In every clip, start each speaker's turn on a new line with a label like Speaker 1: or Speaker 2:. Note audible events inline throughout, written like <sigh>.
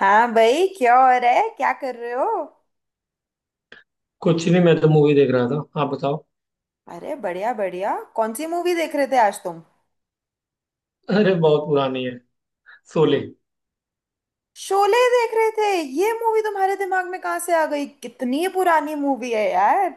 Speaker 1: हाँ भाई, क्या हो रहा है? क्या कर रहे हो?
Speaker 2: कुछ नहीं। मैं तो मूवी देख रहा था। आप बताओ।
Speaker 1: अरे बढ़िया बढ़िया। कौन सी मूवी देख रहे थे आज तुम?
Speaker 2: अरे बहुत पुरानी है। शोले।
Speaker 1: शोले देख रहे थे? ये मूवी तुम्हारे दिमाग में कहाँ से आ गई? कितनी पुरानी मूवी है यार।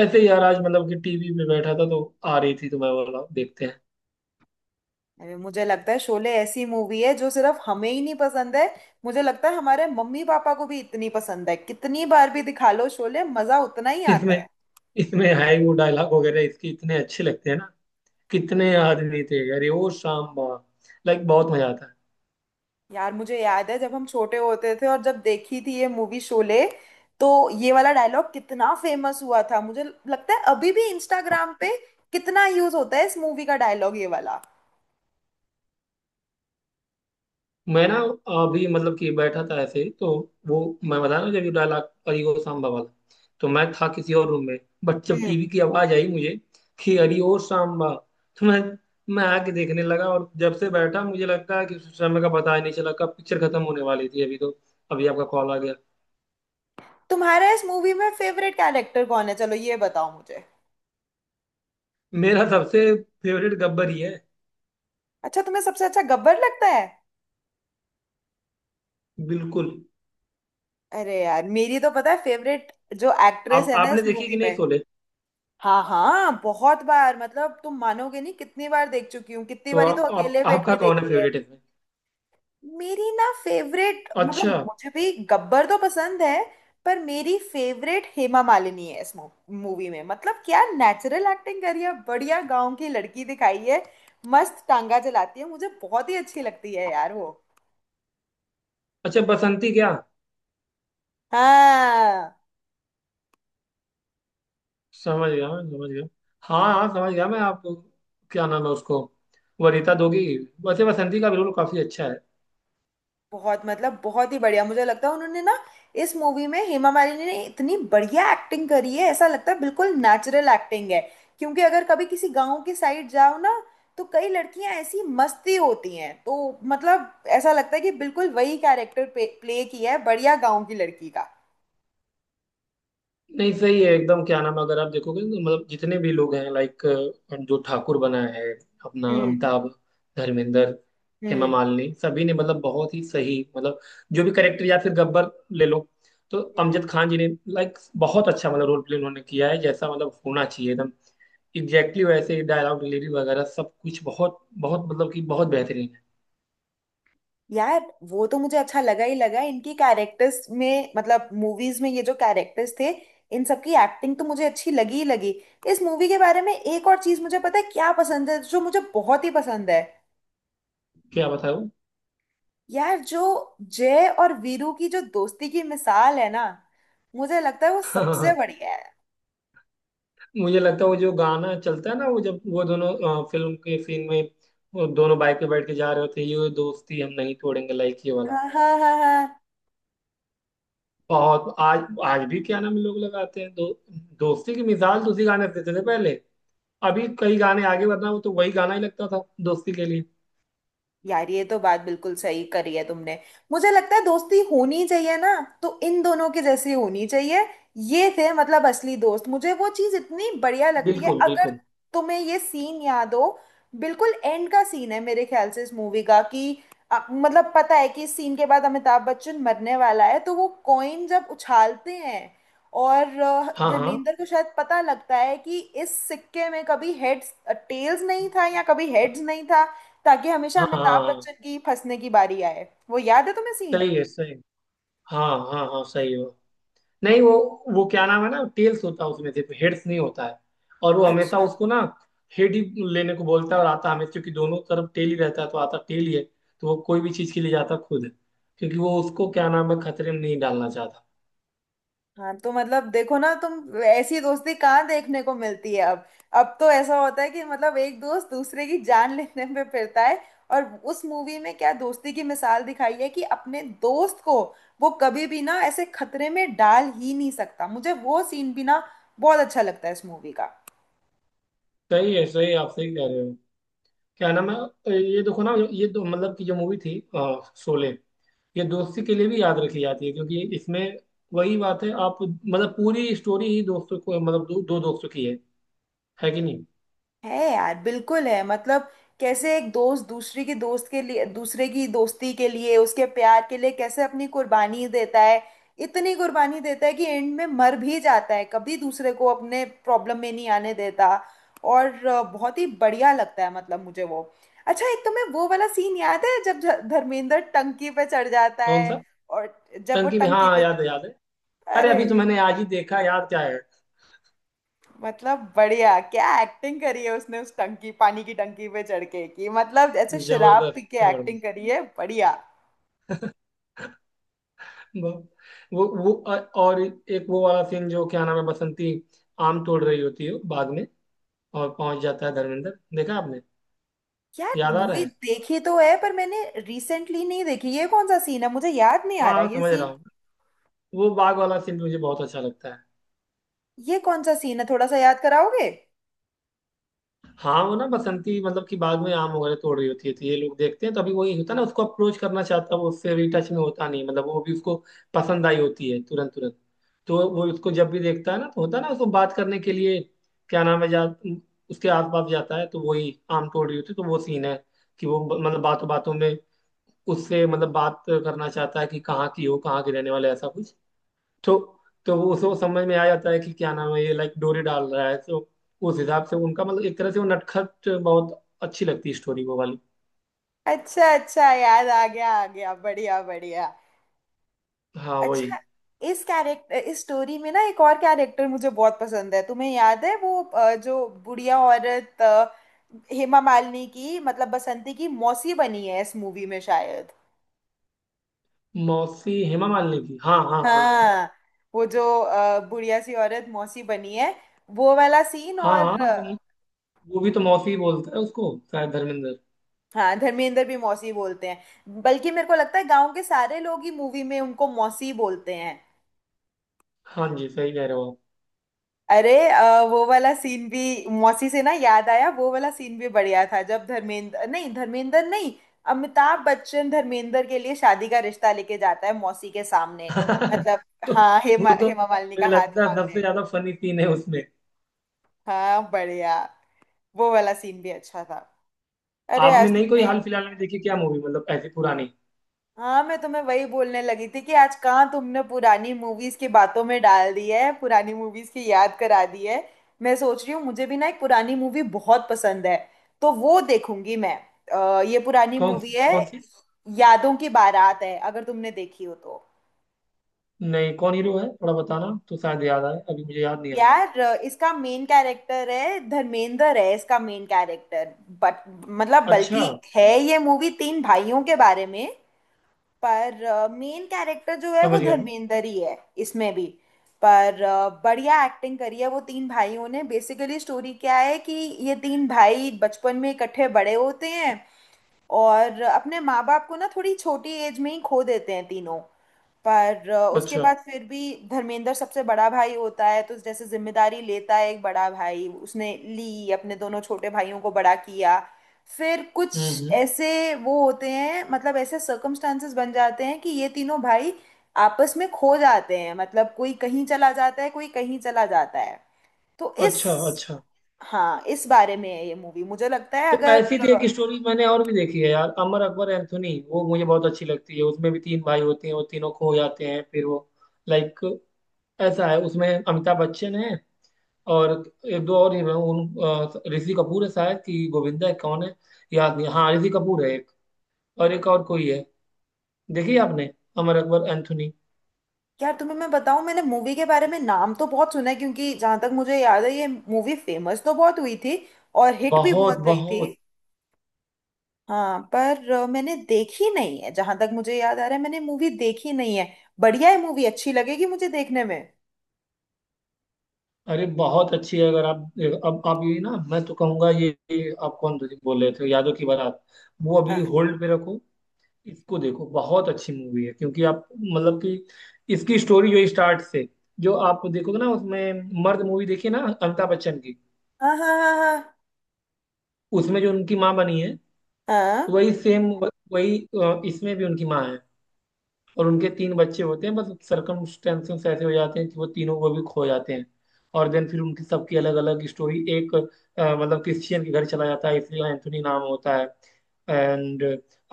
Speaker 2: ऐसे ही यार आज मतलब कि टीवी पे बैठा था तो आ रही थी तो मैं बोला देखते हैं।
Speaker 1: अरे मुझे लगता है शोले ऐसी मूवी है जो सिर्फ हमें ही नहीं पसंद है। मुझे लगता है हमारे मम्मी पापा को भी इतनी पसंद है, कितनी बार भी दिखा लो शोले मजा उतना ही आता
Speaker 2: इसमें
Speaker 1: है।
Speaker 2: इसमें है ही वो डायलॉग वगैरह इसके इतने अच्छे लगते हैं ना। कितने आदमी थे, अरे ओ सांबा। लाइक बहुत मजा आता है।
Speaker 1: यार मुझे याद है जब हम छोटे होते थे और जब देखी थी ये मूवी शोले, तो ये वाला डायलॉग कितना फेमस हुआ था। मुझे लगता है अभी भी इंस्टाग्राम पे कितना यूज होता है इस मूवी का डायलॉग ये वाला।
Speaker 2: मैं ना, अभी मतलब कि बैठा था ऐसे ही तो वो, मैं बता रहा हूँ जब ये डायलॉग अरे ओ सांबा वाला, तो मैं था किसी और रूम में। बट जब
Speaker 1: हम्म।
Speaker 2: टीवी की आवाज आई मुझे कि अरे ओ सांबा, तो मैं आके देखने लगा। और जब से बैठा मुझे लगता है कि उस समय का पता ही नहीं चला कब पिक्चर खत्म होने वाली थी। अभी तो अभी आपका कॉल आ गया।
Speaker 1: तुम्हारा इस मूवी में फेवरेट कैरेक्टर कौन है? चलो ये बताओ मुझे।
Speaker 2: मेरा सबसे फेवरेट गब्बर ही है।
Speaker 1: अच्छा, तुम्हें सबसे अच्छा गब्बर लगता है?
Speaker 2: बिल्कुल।
Speaker 1: अरे यार मेरी तो पता है फेवरेट, जो एक्ट्रेस
Speaker 2: आप
Speaker 1: है ना इस
Speaker 2: आपने देखी कि
Speaker 1: मूवी
Speaker 2: नहीं
Speaker 1: में।
Speaker 2: शोले?
Speaker 1: हाँ हाँ, बहुत बार। मतलब तुम मानोगे नहीं कितनी बार देख चुकी हूँ, कितनी
Speaker 2: तो
Speaker 1: बारी तो
Speaker 2: आप, आप
Speaker 1: अकेले बैठ
Speaker 2: आपका
Speaker 1: के
Speaker 2: कौन है
Speaker 1: देखी है।
Speaker 2: फेवरेट इसमें?
Speaker 1: मेरी ना फेवरेट, मतलब
Speaker 2: अच्छा।
Speaker 1: मुझे भी गब्बर तो पसंद है, पर मेरी फेवरेट हेमा मालिनी है इस मूवी में। मतलब क्या नेचुरल एक्टिंग करी है, बढ़िया गांव की लड़की दिखाई है। मस्त टांगा चलाती है, मुझे बहुत ही अच्छी लगती है यार वो।
Speaker 2: अच्छा, बसंती क्या?
Speaker 1: हाँ
Speaker 2: समझ गया, मैं समझ गया। हाँ हाँ, समझ गया मैं। आप, क्या नाम है उसको, वरीता दोगी। वैसे बसंती का भी रोल काफी अच्छा है।
Speaker 1: बहुत, मतलब बहुत ही बढ़िया। मुझे लगता है उन्होंने ना, इस मूवी में हेमा मालिनी ने इतनी बढ़िया एक्टिंग करी है, ऐसा लगता है बिल्कुल नेचुरल एक्टिंग है। क्योंकि अगर कभी किसी गांव की साइड जाओ ना, तो कई लड़कियां ऐसी मस्ती होती हैं, तो मतलब ऐसा लगता है कि बिल्कुल वही कैरेक्टर प्ले किया है, बढ़िया गांव की लड़की का।
Speaker 2: नहीं सही है एकदम। क्या नाम है, अगर आप देखोगे तो मतलब जितने भी लोग हैं लाइक, जो ठाकुर बना है, अपना
Speaker 1: हम्म
Speaker 2: अमिताभ, धर्मेंद्र, हेमा
Speaker 1: हम्म।
Speaker 2: मालिनी सभी ने मतलब बहुत ही सही मतलब। जो भी करेक्टर या फिर गब्बर ले लो, तो अमजद खान जी ने लाइक बहुत अच्छा मतलब रोल प्ले उन्होंने किया है, जैसा मतलब होना चाहिए एकदम एग्जैक्टली वैसे। डायलॉग डिलीवरी वगैरह सब कुछ बहुत बहुत मतलब कि बहुत बेहतरीन।
Speaker 1: यार वो तो मुझे अच्छा लगा ही लगा, इनकी कैरेक्टर्स में मतलब मूवीज में ये जो कैरेक्टर्स थे, इन सब की एक्टिंग तो मुझे अच्छी लगी ही लगी। इस मूवी के बारे में एक और चीज मुझे पता है क्या पसंद है, जो मुझे बहुत ही पसंद है।
Speaker 2: क्या बताऊं।
Speaker 1: यार जो जय और वीरू की जो दोस्ती की मिसाल है ना, मुझे लगता है वो सबसे
Speaker 2: <laughs>
Speaker 1: बढ़िया है।
Speaker 2: मुझे लगता है वो जो गाना चलता है ना, वो जब वो दोनों फिल्म के सीन में, वो दोनों बाइक पे बैठ के जा रहे होते हैं, ये दोस्ती हम नहीं तोड़ेंगे, लाइक ये वाला।
Speaker 1: हाँ हाँ हाँ हाँ।
Speaker 2: बहुत। आज आज भी क्या नाम, लोग लगाते हैं दो, दोस्ती की मिसाल तो उसी गाने से देते थे पहले। अभी कई गाने आगे, वरना वो तो वही गाना ही लगता था दोस्ती के लिए।
Speaker 1: यार ये तो बात बिल्कुल सही करी है तुमने। मुझे लगता है दोस्ती होनी चाहिए ना, तो इन दोनों के जैसी होनी चाहिए। ये थे मतलब असली दोस्त, मुझे वो चीज इतनी बढ़िया लगती है।
Speaker 2: बिल्कुल
Speaker 1: अगर
Speaker 2: बिल्कुल।
Speaker 1: तुम्हें ये सीन याद हो, बिल्कुल एंड का सीन है मेरे ख्याल से इस मूवी का कि मतलब पता है कि इस सीन के बाद अमिताभ बच्चन मरने वाला है, तो वो कॉइन जब उछालते हैं और
Speaker 2: हाँ हाँ
Speaker 1: धर्मेंद्र को शायद पता लगता है कि इस सिक्के में कभी हेड्स टेल्स नहीं था या कभी हेड्स नहीं था, ताकि हमेशा
Speaker 2: हाँ हाँ
Speaker 1: अमिताभ बच्चन
Speaker 2: हाँ,
Speaker 1: की फंसने की बारी आए। वो याद है तुम्हें सीन?
Speaker 2: सही है सही। हाँ। हाँ हाँ सही है। नहीं वो, वो क्या नाम है ना, टेल्स होता है उसमें, सिर्फ हेड्स नहीं होता है। और वो हमेशा
Speaker 1: अच्छा।
Speaker 2: उसको ना हेड ही लेने को बोलता है, और आता हमेशा, क्योंकि दोनों तरफ टेल ही रहता है तो आता टेल ही है, तो वो कोई भी चीज के लिए जाता खुद है, क्योंकि वो उसको क्या नाम है, खतरे में नहीं डालना चाहता।
Speaker 1: हाँ तो मतलब देखो ना तुम, ऐसी दोस्ती कहाँ देखने को मिलती है अब? अब तो ऐसा होता है कि मतलब एक दोस्त दूसरे की जान लेने पे फिरता है, और उस मूवी में क्या दोस्ती की मिसाल दिखाई है कि अपने दोस्त को वो कभी भी ना ऐसे खतरे में डाल ही नहीं सकता। मुझे वो सीन भी ना बहुत अच्छा लगता है इस मूवी का।
Speaker 2: सही है, आप सही कह रहे हो। क्या नाम है, ये देखो ना, ये दो मतलब कि जो मूवी थी शोले, ये दोस्ती के लिए भी याद रखी जाती है, क्योंकि इसमें वही बात है। आप मतलब पूरी स्टोरी ही दोस्तों को मतलब दो, दो दोस्तों की है। है कि नहीं?
Speaker 1: है यार, बिल्कुल है। मतलब कैसे एक दोस्त दूसरे की दोस्त के लिए, दूसरे की दोस्ती के लिए, उसके प्यार के लिए कैसे अपनी कुर्बानी देता है। इतनी कुर्बानी देता है कि एंड में मर भी जाता है, कभी दूसरे को अपने प्रॉब्लम में नहीं आने देता। और बहुत ही बढ़िया लगता है मतलब मुझे वो। अच्छा, एक तुम्हें वो वाला सीन याद है जब धर्मेंद्र टंकी पे चढ़ जाता
Speaker 2: कौन
Speaker 1: है,
Speaker 2: सा?
Speaker 1: और जब वो
Speaker 2: टंकी में,
Speaker 1: टंकी
Speaker 2: हाँ
Speaker 1: पे?
Speaker 2: याद है याद है। अरे
Speaker 1: अरे,
Speaker 2: अभी तो मैंने आज ही देखा यार, क्या है।
Speaker 1: मतलब बढ़िया क्या एक्टिंग करी है उसने उस टंकी, पानी की टंकी पे चढ़ के, कि मतलब ऐसे शराब पी
Speaker 2: जबरदस्त
Speaker 1: के एक्टिंग
Speaker 2: जबरदस्त।
Speaker 1: करी है बढ़िया।
Speaker 2: वो और एक वो वाला सीन जो क्या नाम है, बसंती आम तोड़ रही होती है बाग में, और पहुंच जाता है धर्मेंद्र। देखा आपने?
Speaker 1: यार
Speaker 2: याद आ रहा
Speaker 1: मूवी
Speaker 2: है?
Speaker 1: देखी तो है पर मैंने रिसेंटली नहीं देखी, ये कौन सा सीन है? मुझे याद नहीं आ
Speaker 2: हाँ
Speaker 1: रहा
Speaker 2: हाँ,
Speaker 1: ये
Speaker 2: समझ रहा
Speaker 1: सीन।
Speaker 2: हूँ। वो बाग वाला सीन मुझे बहुत अच्छा लगता है।
Speaker 1: ये कौन सा सीन है, थोड़ा सा याद कराओगे?
Speaker 2: हाँ वो ना, बसंती मतलब कि बाद में आम वगैरह तोड़ रही होती है तो ये लोग देखते हैं, तो अभी वही होता है ना, उसको अप्रोच करना चाहता है वो, उससे भी टच में होता नहीं, मतलब वो भी उसको पसंद आई होती है तुरंत तुरंत। तो वो उसको जब भी देखता है ना, तो होता है ना उसको बात करने के लिए, क्या नाम है, जा उसके आस पास जाता है तो वही आम तोड़ रही होती है, तो वो सीन है कि वो मतलब बातों बातों में उससे मतलब बात करना चाहता है कि कहाँ की हो, कहाँ की रहने वाले, ऐसा कुछ। तो तो वो उसको समझ में आ जाता है कि क्या नाम है, ये लाइक डोरी डाल रहा है, तो उस हिसाब से उनका मतलब एक तरह से वो नटखट, बहुत अच्छी लगती है स्टोरी वो वाली।
Speaker 1: अच्छा अच्छा, याद आ गया आ गया, बढ़िया बढ़िया।
Speaker 2: हाँ
Speaker 1: अच्छा,
Speaker 2: वही।
Speaker 1: इस कैरेक्टर इस स्टोरी में ना एक और कैरेक्टर मुझे बहुत पसंद है। तुम्हें याद है वो जो बुढ़िया औरत हेमा मालिनी की मतलब बसंती की मौसी बनी है इस मूवी में शायद?
Speaker 2: मौसी, हेमा मालिनी की, हाँ हाँ हाँ।
Speaker 1: हाँ, वो जो बुढ़िया सी औरत मौसी बनी है, वो वाला सीन
Speaker 2: हाँ हाँ
Speaker 1: और
Speaker 2: हाँ वो भी तो मौसी ही बोलता है उसको शायद धर्मेंद्र।
Speaker 1: हाँ, धर्मेंद्र भी मौसी बोलते हैं, बल्कि मेरे को लगता है गांव के सारे लोग ही मूवी में उनको मौसी बोलते हैं।
Speaker 2: हाँ जी, सही कह रहे हो।
Speaker 1: अरे वो वाला सीन भी, मौसी से ना याद आया वो वाला सीन भी बढ़िया था, जब धर्मेंद्र नहीं, धर्मेंद्र नहीं, अमिताभ बच्चन धर्मेंद्र के लिए शादी का रिश्ता लेके जाता है मौसी के सामने।
Speaker 2: आप
Speaker 1: मतलब
Speaker 2: <laughs> तो,
Speaker 1: हाँ, हेमा
Speaker 2: वो तो
Speaker 1: हेमा मालिनी का
Speaker 2: मुझे
Speaker 1: हाथ
Speaker 2: लगता है सबसे
Speaker 1: मांगने।
Speaker 2: ज्यादा फनी सीन है उसमें।
Speaker 1: हाँ बढ़िया, वो वाला सीन भी अच्छा था। अरे
Speaker 2: आपने
Speaker 1: आज
Speaker 2: नहीं कोई
Speaker 1: तुमने,
Speaker 2: हाल फिलहाल में देखी क्या मूवी, मतलब ऐसी पुरानी?
Speaker 1: हाँ मैं तुम्हें वही बोलने लगी थी कि आज कहाँ तुमने पुरानी मूवीज की बातों में डाल दी है, पुरानी मूवीज की याद करा दी है। मैं सोच रही हूँ, मुझे भी ना एक पुरानी मूवी बहुत पसंद है, तो वो देखूंगी मैं। ये पुरानी
Speaker 2: कौन
Speaker 1: मूवी
Speaker 2: सी
Speaker 1: है
Speaker 2: कौन सी?
Speaker 1: यादों की बारात है, अगर तुमने देखी हो तो।
Speaker 2: नहीं, कौन हीरो है थोड़ा बताना, तो शायद याद आए, अभी मुझे याद नहीं आ रहा।
Speaker 1: यार इसका मेन कैरेक्टर है, धर्मेंद्र है इसका मेन कैरेक्टर। बट मतलब
Speaker 2: अच्छा।
Speaker 1: बल्कि है ये मूवी तीन भाइयों के बारे में, पर मेन कैरेक्टर जो है वो
Speaker 2: समझ गया मैं।
Speaker 1: धर्मेंद्र ही है इसमें भी। पर बढ़िया एक्टिंग करी है वो तीन भाइयों ने। बेसिकली स्टोरी क्या है कि ये तीन भाई बचपन में इकट्ठे बड़े होते हैं, और अपने माँ बाप को ना थोड़ी छोटी एज में ही खो देते हैं तीनों। पर उसके
Speaker 2: अच्छा।
Speaker 1: बाद फिर भी धर्मेंद्र सबसे बड़ा भाई होता है, तो जैसे जिम्मेदारी लेता है एक बड़ा भाई, उसने ली, अपने दोनों छोटे भाइयों को बड़ा किया। फिर कुछ
Speaker 2: हम्म।
Speaker 1: ऐसे वो होते हैं, मतलब ऐसे सर्कमस्टांसेस बन जाते हैं कि ये तीनों भाई आपस में खो जाते हैं, मतलब कोई कहीं चला जाता है, कोई कहीं चला जाता है। तो इस,
Speaker 2: अच्छा अच्छा।
Speaker 1: हाँ, इस बारे में है ये मूवी, मुझे लगता है।
Speaker 2: तो
Speaker 1: अगर
Speaker 2: ऐसी थी एक स्टोरी, मैंने और भी देखी है यार, अमर अकबर एंथोनी, वो मुझे बहुत अच्छी लगती है। उसमें भी तीन भाई होते हैं, वो तीनों खो जाते हैं फिर वो, लाइक, ऐसा है उसमें, अमिताभ बच्चन है, और एक दो और हीरो हैं, उन ऋषि कपूर है, शायद कि गोविंदा है कौन है, याद नहीं। हाँ ऋषि कपूर है एक, और एक और कोई है। देखिए आपने अमर अकबर एंथोनी।
Speaker 1: यार तुम्हें मैं बताऊं, मैंने मूवी के बारे में नाम तो बहुत सुना है, क्योंकि जहां तक मुझे याद है ये मूवी फेमस तो बहुत हुई थी और हिट भी
Speaker 2: बहुत
Speaker 1: बहुत गई थी।
Speaker 2: बहुत।
Speaker 1: हाँ पर मैंने देखी नहीं है, जहां तक मुझे याद आ रहा है मैंने मूवी देखी नहीं है। बढ़िया है मूवी, अच्छी लगेगी मुझे देखने में।
Speaker 2: अरे बहुत अच्छी है। अगर आप, अब आप ये ना, मैं तो कहूंगा ये आप कौन बोल रहे थे, यादों की बारात, वो अभी
Speaker 1: हाँ
Speaker 2: होल्ड पे रखो। इसको देखो, बहुत अच्छी मूवी है, क्योंकि आप मतलब कि इसकी स्टोरी जो स्टार्ट से जो आप देखोगे ना, उसमें मर्द मूवी देखिए ना अमिताभ बच्चन की,
Speaker 1: हाँ हाँ हाँ हाँ हाँ।
Speaker 2: उसमें जो उनकी माँ बनी है,
Speaker 1: हाँ,
Speaker 2: वही सेम वही इसमें भी उनकी माँ है, और उनके तीन बच्चे होते हैं। बस सर्कमस्टेंसेस ऐसे हो जाते हैं कि वो तीनों को भी खो जाते हैं, और देन फिर उनकी सबकी अलग अलग स्टोरी। एक मतलब क्रिश्चियन के घर चला जाता है इसलिए एंथोनी नाम होता है। एंड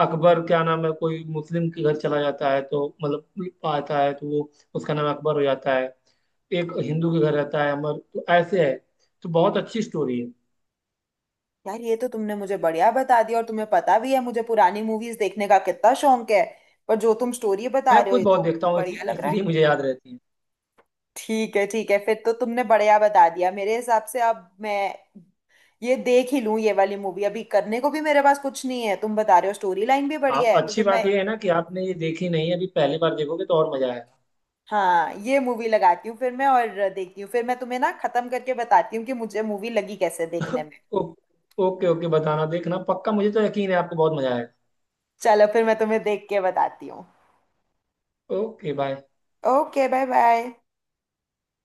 Speaker 2: अकबर, क्या नाम है, कोई मुस्लिम के घर चला जाता है, तो मतलब आता है तो वो, उसका नाम अकबर हो जाता है। एक हिंदू के घर रहता है अमर, तो ऐसे है। तो बहुत अच्छी स्टोरी है।
Speaker 1: यार ये तो तुमने मुझे बढ़िया बता दिया, और तुम्हें पता भी है मुझे पुरानी मूवीज देखने का कितना शौक है। पर जो तुम स्टोरी बता
Speaker 2: मैं
Speaker 1: रहे हो
Speaker 2: खुद
Speaker 1: ये तो
Speaker 2: बहुत देखता हूँ
Speaker 1: बढ़िया
Speaker 2: इसलिए,
Speaker 1: लग रहा है।
Speaker 2: मुझे याद रहती है।
Speaker 1: ठीक है ठीक है, फिर तो तुमने बढ़िया बता दिया मेरे हिसाब से। अब मैं ये देख ही लूं ये वाली मूवी, अभी करने को भी मेरे पास कुछ नहीं है, तुम बता रहे हो स्टोरी लाइन भी
Speaker 2: आप
Speaker 1: बढ़िया है, तो
Speaker 2: अच्छी
Speaker 1: फिर मैं
Speaker 2: बात यह है ना कि आपने ये देखी नहीं है, अभी पहली बार देखोगे तो और मजा आएगा।
Speaker 1: हाँ ये मूवी लगाती हूँ फिर मैं, और देखती हूँ, फिर मैं तुम्हें ना खत्म करके बताती हूँ कि मुझे मूवी लगी कैसे देखने में।
Speaker 2: ओ, ओके ओके, बताना देखना पक्का। मुझे तो यकीन है आपको बहुत मजा आएगा।
Speaker 1: चलो फिर मैं तुम्हें देख के बताती हूँ।
Speaker 2: Okay bye.
Speaker 1: Okay bye bye.